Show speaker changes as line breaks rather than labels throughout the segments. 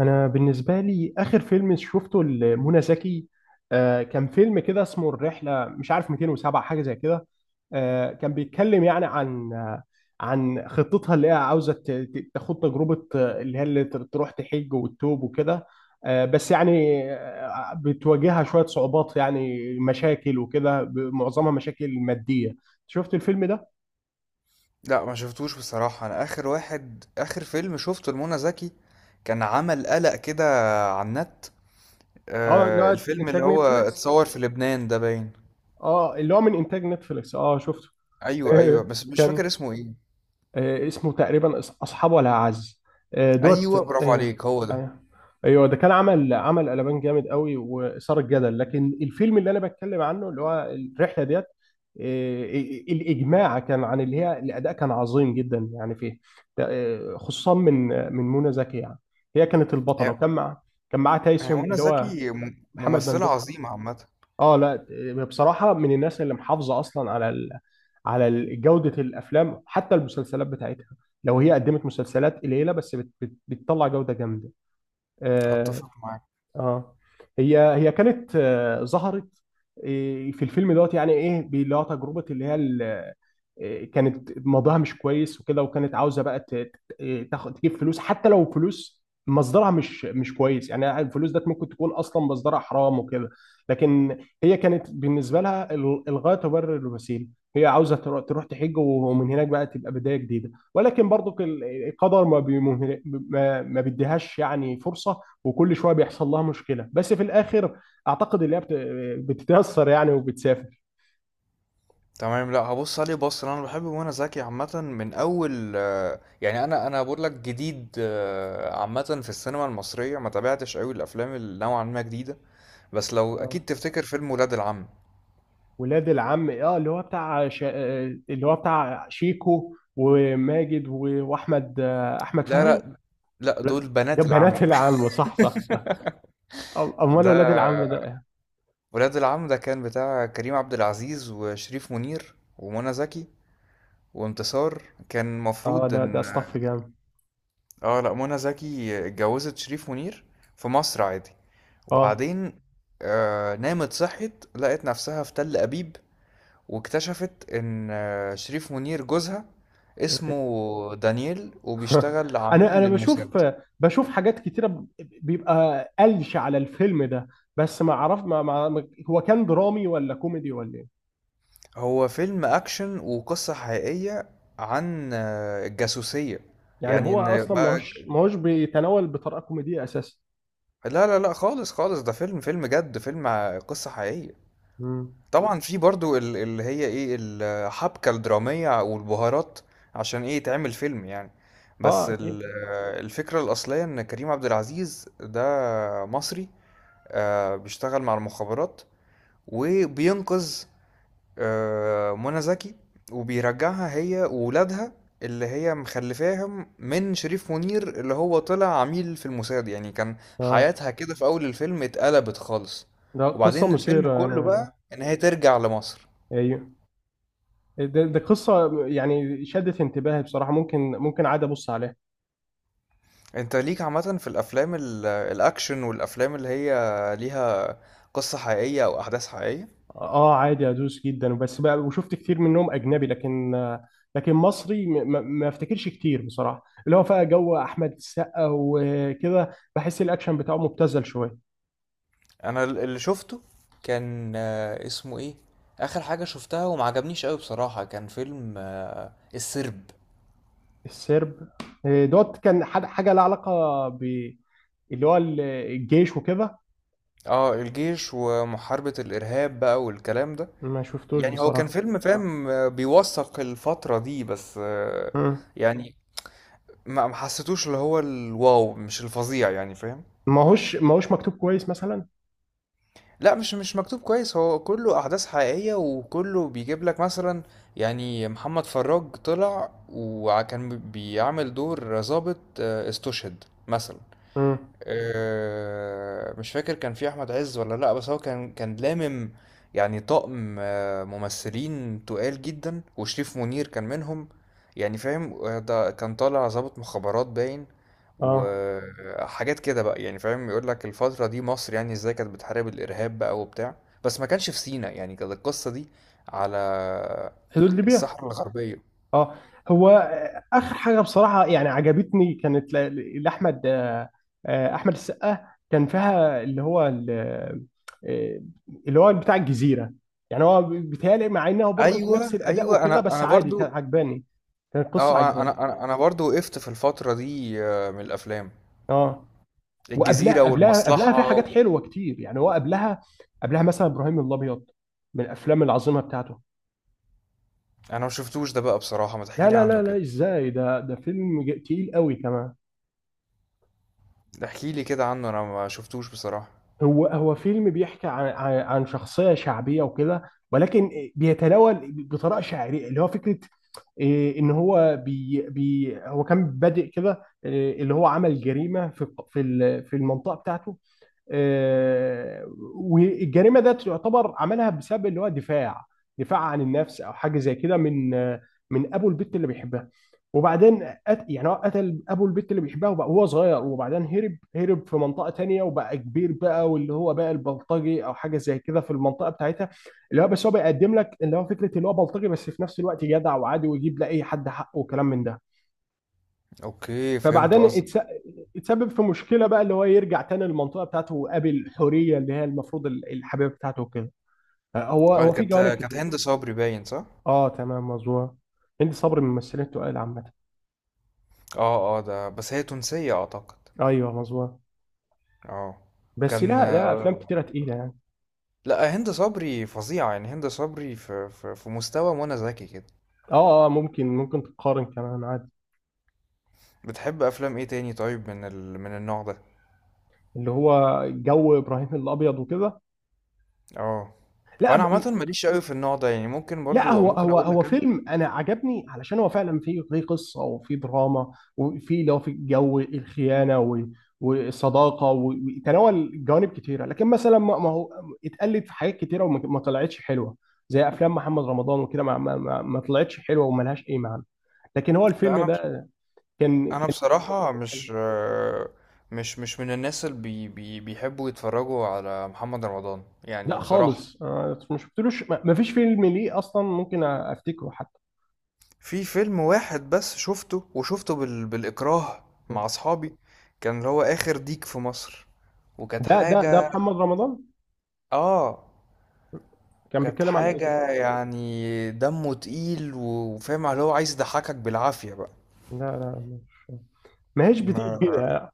انا بالنسبه لي اخر فيلم شفته لمنى زكي. كان فيلم كده اسمه الرحله، مش عارف 207 حاجه زي كده. كان بيتكلم يعني عن خطتها اللي هي عاوزه تاخد تجربه، اللي هي تروح تحج وتتوب وكده. بس يعني بتواجهها شويه صعوبات، يعني مشاكل وكده، معظمها مشاكل ماديه. شفت الفيلم ده؟
لا ما شفتوش بصراحة. انا اخر واحد، اخر فيلم شفته لمنى زكي كان عمل قلق كده على النت.
اه، اللي هو
الفيلم اللي
انتاج
هو
نتفليكس،
اتصور في لبنان ده باين.
اه، اللي هو من انتاج نتفليكس، شفته.
ايوه ايوه، بس مش
كان،
فاكر اسمه ايه.
اسمه تقريبا اصحاب ولا اعز، آه، دوت،
ايوه، برافو
ايوه
عليك، هو ده.
ايوه. ايوه، ده كان عمل قلبان جامد قوي واثار الجدل، لكن الفيلم اللي انا بتكلم عنه اللي هو الرحله ديت. آه، الاجماع كان عن اللي هي الاداء كان عظيم جدا يعني فيه، خصوصا من منى زكي يعني. هي كانت البطله،
هي
وكان مع كان معاه
هي
تايسون
منى
اللي هو
زكي
محمد
ممثلة
ممدوح.
عظيمة عامة.
اه، لا، بصراحة، من الناس اللي محافظة أصلا على جودة الأفلام، حتى المسلسلات بتاعتها. لو هي قدمت مسلسلات قليلة بس بتطلع جودة جامدة، آه،
اتفق معاك
اه، هي كانت، ظهرت في الفيلم دوت، يعني ايه، اللي هو تجربه، اللي هي كانت موضوعها مش كويس وكده، وكانت عاوزه بقى تاخد تجيب فلوس، حتى لو فلوس مصدرها مش كويس، يعني الفلوس ده ممكن تكون اصلا مصدرها حرام وكده. لكن هي كانت بالنسبه لها الغايه تبرر الوسيله. هي عاوزه تروح تحج ومن هناك بقى تبقى بدايه جديده، ولكن برضو القدر ما بي- ما ما بيديهاش يعني فرصه، وكل شويه بيحصل لها مشكله، بس في الاخر اعتقد اللي هي بتتاثر يعني وبتسافر.
تمام. لا هبص عليه، بص انا بحب منى زكي عامة من اول، يعني انا بقول لك جديد، عامة في السينما المصرية ما تابعتش قوي الافلام اللي نوعا ما جديدة. بس لو
اه،
أكيد تفتكر فيلم ولاد العم.
ولاد العم، اللي هو بتاع اللي هو بتاع شيكو وماجد واحمد، احمد
لا، اه
فهمي.
لا، لا
ولاد-
دول
ده
بنات
بنات
العم
العم، صح، صح. امال ولاد العم
ده
ده إيه؟
ولاد العم ده كان بتاع كريم عبد العزيز وشريف منير ومنى زكي وانتصار. كان
اه،
مفروض
ده
ان،
اصطف جامد،
اه لا، منى زكي اتجوزت شريف منير في مصر عادي،
اه.
وبعدين آه نامت صحت لقت نفسها في تل أبيب، واكتشفت ان شريف منير جوزها اسمه دانيال وبيشتغل عميل
انا بشوف
للموساد.
بشوف حاجات كتيره بيبقى قلش على الفيلم ده، بس ما عرف هو كان درامي ولا كوميدي ولا ايه.
هو فيلم أكشن وقصة حقيقية عن الجاسوسية.
يعني
يعني
هو
إن
اصلا ما
بقى،
هوش ما هوش بيتناول بطريقه كوميديه اساسا.
لا لا لا خالص خالص، ده فيلم فيلم جد، فيلم قصة حقيقية.
مم.
طبعا في برضو اللي هي إيه الحبكة الدرامية والبهارات عشان إيه يتعمل فيلم يعني. بس
اه، اكيد.
الفكرة الأصلية إن كريم عبد العزيز ده مصري، بيشتغل مع المخابرات، وبينقذ منى زكي، وبيرجعها هي وولادها اللي هي مخلفاهم من شريف منير اللي هو طلع عميل في الموساد. يعني كان
اه،
حياتها كده في أول الفيلم اتقلبت خالص،
ده قصه
وبعدين الفيلم
مثيره
كله
يعني.
بقى إن هي ترجع لمصر.
ايوه، ده قصه يعني شدت انتباهي بصراحه، ممكن عادي ابص عليها.
انت ليك عامة في الأفلام الأكشن والأفلام اللي هي ليها قصة حقيقية أو أحداث حقيقية.
اه، عادي ادوس جدا بس بقى، وشفت كتير منهم اجنبي، لكن مصري ما افتكرش كتير بصراحه، اللي هو بقى جو احمد السقا وكده. بحس الاكشن بتاعه مبتذل شويه.
أنا اللي شفته كان، اسمه إيه، آخر حاجة شفتها ومعجبنيش أوي بصراحة كان فيلم السرب.
السرب، دوت، كان حاجه لها علاقه ب اللي هو الجيش وكده.
اه الجيش ومحاربة الإرهاب بقى والكلام ده.
ما شفتوش
يعني هو كان
بصراحه.
فيلم اه فاهم، بيوثق الفترة دي بس،
مم.
يعني ما حسيتوش اللي هو الواو مش الفظيع يعني فاهم.
ما هوش مكتوب كويس مثلا.
لا مش، مش مكتوب كويس، هو كله أحداث حقيقية وكله بيجيب لك مثلا، يعني محمد فراج طلع وكان بيعمل دور ضابط استشهد مثلا.
مم.
مش فاكر كان في احمد عز ولا لا، بس هو كان يعني طاقم ممثلين تقال جدا، وشريف منير كان منهم. يعني فاهم، ده كان طالع ضابط مخابرات باين،
اه،
وحاجات كده بقى يعني فاهم. يقول لك الفترة دي مصر يعني ازاي كانت بتحارب الارهاب بقى وبتاع. بس ما كانش في سيناء يعني، كانت القصة دي على
حدود ليبيا.
الصحراء الغربية.
اه، هو اخر حاجه بصراحه يعني عجبتني كانت لاحمد، احمد السقا كان فيها آه، اللي هو بتاع الجزيره. يعني هو بيتهيألي مع انه برضه نفس
ايوه
الاداء
ايوه،
وكده،
انا
بس
انا
عادي كان
برضو.
عجباني، كانت قصه
اه،
عجباني.
انا برضو وقفت في الفترة دي. من الافلام
اه،
الجزيرة
وقبلها قبلها قبلها في
والمصلحة و...
حاجات حلوه كتير، يعني هو قبلها مثلا ابراهيم الابيض من الافلام العظيمه بتاعته.
انا ما شفتوش ده بقى بصراحة، ما
لا،
تحكيلي
لا،
عنه
لا، لا،
كده.
ازاي؟ ده فيلم تقيل قوي كمان.
احكي لي كده عنه، انا ما شفتوش بصراحة.
هو فيلم بيحكي عن شخصية شعبية وكده، ولكن بيتناول بطريقة شعرية اللي هو فكرة إيه، ان هو بي بي هو كان بادئ كده، إيه، اللي هو عمل جريمة في المنطقة بتاعته. آه، والجريمه ده تعتبر عملها بسبب اللي هو دفاع، دفاع عن النفس او حاجه زي كده، من ابو البت اللي بيحبها. وبعدين يعني هو قتل ابو البت اللي بيحبها، وبقى هو صغير، وبعدين هرب، هرب في منطقه تانية، وبقى كبير بقى واللي هو بقى البلطجي او حاجه زي كده في المنطقه بتاعتها، اللي هو بس هو بيقدم لك اللي هو فكره اللي هو بلطجي بس في نفس الوقت جدع وعادي ويجيب لاي حد حقه وكلام من ده.
اوكي فهمت
فبعدين
قصدك.
يتسبب في مشكله بقى، اللي هو يرجع تاني للمنطقه بتاعته ويقابل حوريه اللي هي المفروض الحبيبه بتاعته وكده، هو
اه
هو في
كانت
جوانب
كانت
كتير.
هند صبري باين، صح؟
اه، تمام، مظبوط. هندي صبري من الممثلين التقال عامه.
اه اه، ده بس هي تونسية اعتقد.
ايوه، مظبوط.
اه،
بس،
كان
لا، لا، افلام كتيره تقيله يعني.
لا هند صبري فظيعة، يعني هند صبري في مستوى منى زكي كده.
اه، اه، ممكن تقارن كمان عادي.
بتحب افلام ايه تاني طيب من ال... من النوع ده؟
اللي هو جو ابراهيم الابيض وكده.
آه. هو
لا،
أنا عامةً ما ليش أوي في النوع ده، يعني ممكن
لا،
برضه
هو
ممكن
هو
أقول
هو
لك أنا،
فيلم انا عجبني علشان هو فعلا فيه قصه وفيه دراما، وفيه لو في جو الخيانه والصداقه وتناول جوانب كتيره، لكن مثلا ما هو اتقلد في حاجات كتيره، وما ما طلعتش حلوه، زي افلام محمد رمضان وكده ما طلعتش حلوه وملهاش اي معنى، لكن هو
لأ
الفيلم
أنا،
ده كان فيه جوانب
بصراحة
كتيرة حلوة.
مش مش من الناس اللي بي بي بيحبّوا يتفرّجوا على محمد رمضان، يعني
لا،
بصراحة.
خالص، ما شفتلوش، ما فيش فيلم ليه اصلا ممكن افتكره حتى.
في فيلم واحد بس شُفته، وشُفته بالإكراه مع أصحابي، كان اللي هو آخر ديك في مصر، وكانت
ده
حاجة
محمد رمضان
آه.
كان
كانت
بيتكلم عن ايه؟
حاجة يعني دمّه تقيل وفاهم اللي هو عايز يضحّكك بالعافية بقى.
لا، لا، مش، ما هيش بتيجي
ما
كده.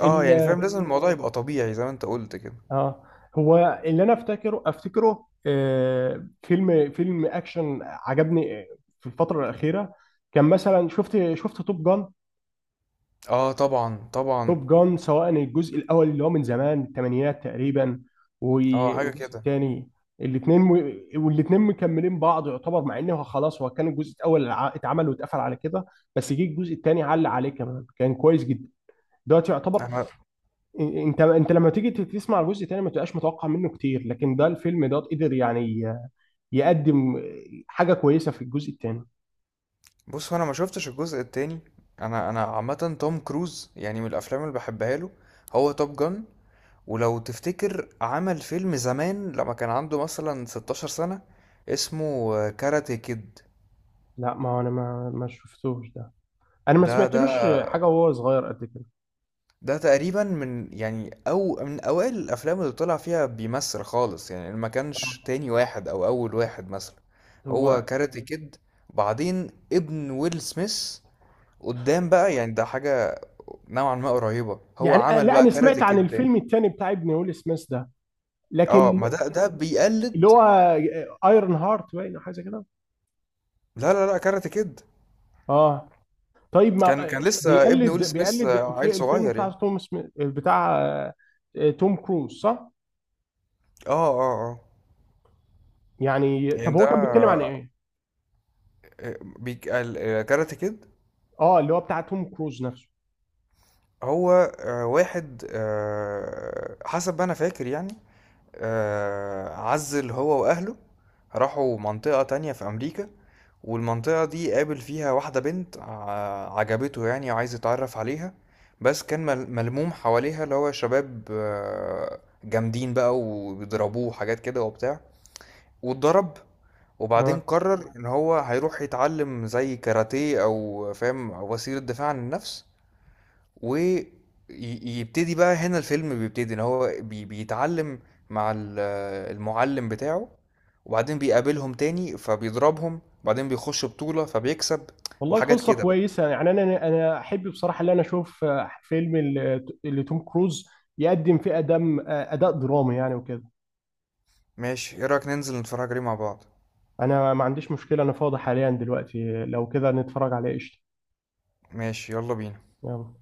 اه يعني
ال-
فاهم لازم الموضوع يبقى طبيعي زي ما انت قلت كده.
اه، هو اللي انا افتكره فيلم اكشن عجبني، في الفتره الاخيره كان مثلا شفت توب جان.
اه طبعا طبعا.
توب جان، سواء الجزء الاول اللي هو من زمان الثمانينات تقريبا،
اه حاجه
والجزء
كده.
الثاني، الاثنين، والاثنين مكملين بعض يعتبر، مع انه خلاص هو كان الجزء الاول اتعمل واتقفل على كده، بس جه الجزء الثاني علق عليه كمان كان كويس جدا دلوقتي يعتبر.
انا
انت لما تيجي تسمع الجزء تاني ما تبقاش متوقع منه كتير، لكن ده الفيلم ده قدر يعني يقدم حاجه كويسه في الجزء التاني.
بص، هو انا ما شفتش الجزء التاني، انا عامه توم كروز يعني من الافلام اللي بحبها له هو توب جان. ولو تفتكر عمل فيلم زمان لما كان عنده مثلا 16 سنه اسمه كاراتي كيد.
لا، ما هو انا ما شفتوش ده. انا ما
ده ده
سمعتلوش حاجه وهو صغير قد كده،
ده تقريبا من، يعني او من اوائل الافلام اللي طلع فيها بيمثل خالص، يعني ما كانش تاني واحد او اول واحد مثلا، هو
هو
كاراتي كيد. بعدين ابن ويل سميث قدام بقى، يعني ده حاجة نوعا ما قريبة، هو
يعني،
عمل
لا
بقى
انا سمعت
كاراتي
عن
كيد تاني.
الفيلم التاني بتاع ابن ويل سميث ده،
اه
لكن
ما ده
اللي
بيقلد.
هو ايرون هارت باين أو حاجه زي كده.
لا لا لا، كاراتي كيد.
اه، طيب،
كان
ما
كان لسه ابن
بيقلد
ويل سميث،
بيقلد
عيل
الفيلم
صغير
بتاع
يعني.
توم سميث بتاع، توم كروز، صح؟
اه اه اه.
يعني طب
يعني ده،
هو كان بيتكلم عن ايه؟
كاراتي كيد.
اه، اللي هو بتاع توم كروز نفسه.
هو واحد، حسب ما انا فاكر يعني، عزل هو واهله، راحوا منطقة تانية في امريكا، والمنطقة دي قابل فيها واحدة بنت عجبته يعني وعايز يتعرف عليها، بس كان ملموم حواليها اللي هو شباب، جامدين بقى، وبيضربوه وحاجات كده وبتاع، واتضرب. وبعدين
اه،
قرر ان هو هيروح يتعلم زي كاراتيه او فاهم وسيلة دفاع عن النفس، ويبتدي بقى. هنا الفيلم بيبتدي ان هو بيتعلم مع المعلم بتاعه، وبعدين بيقابلهم تاني فبيضربهم، وبعدين بيخش بطولة فبيكسب
والله
وحاجات
قصة
كده بقى.
كويسة يعني انا احب بصراحة ان انا اشوف فيلم اللي توم كروز يقدم فيه ادم، اداء درامي يعني وكده.
ماشي، ايه رأيك ننزل نتفرج عليه مع بعض؟
انا ما عنديش مشكلة، انا فاضي حاليا دلوقتي، لو كده نتفرج عليه، قشطة.
ماشي، يلا بينا.
يلا.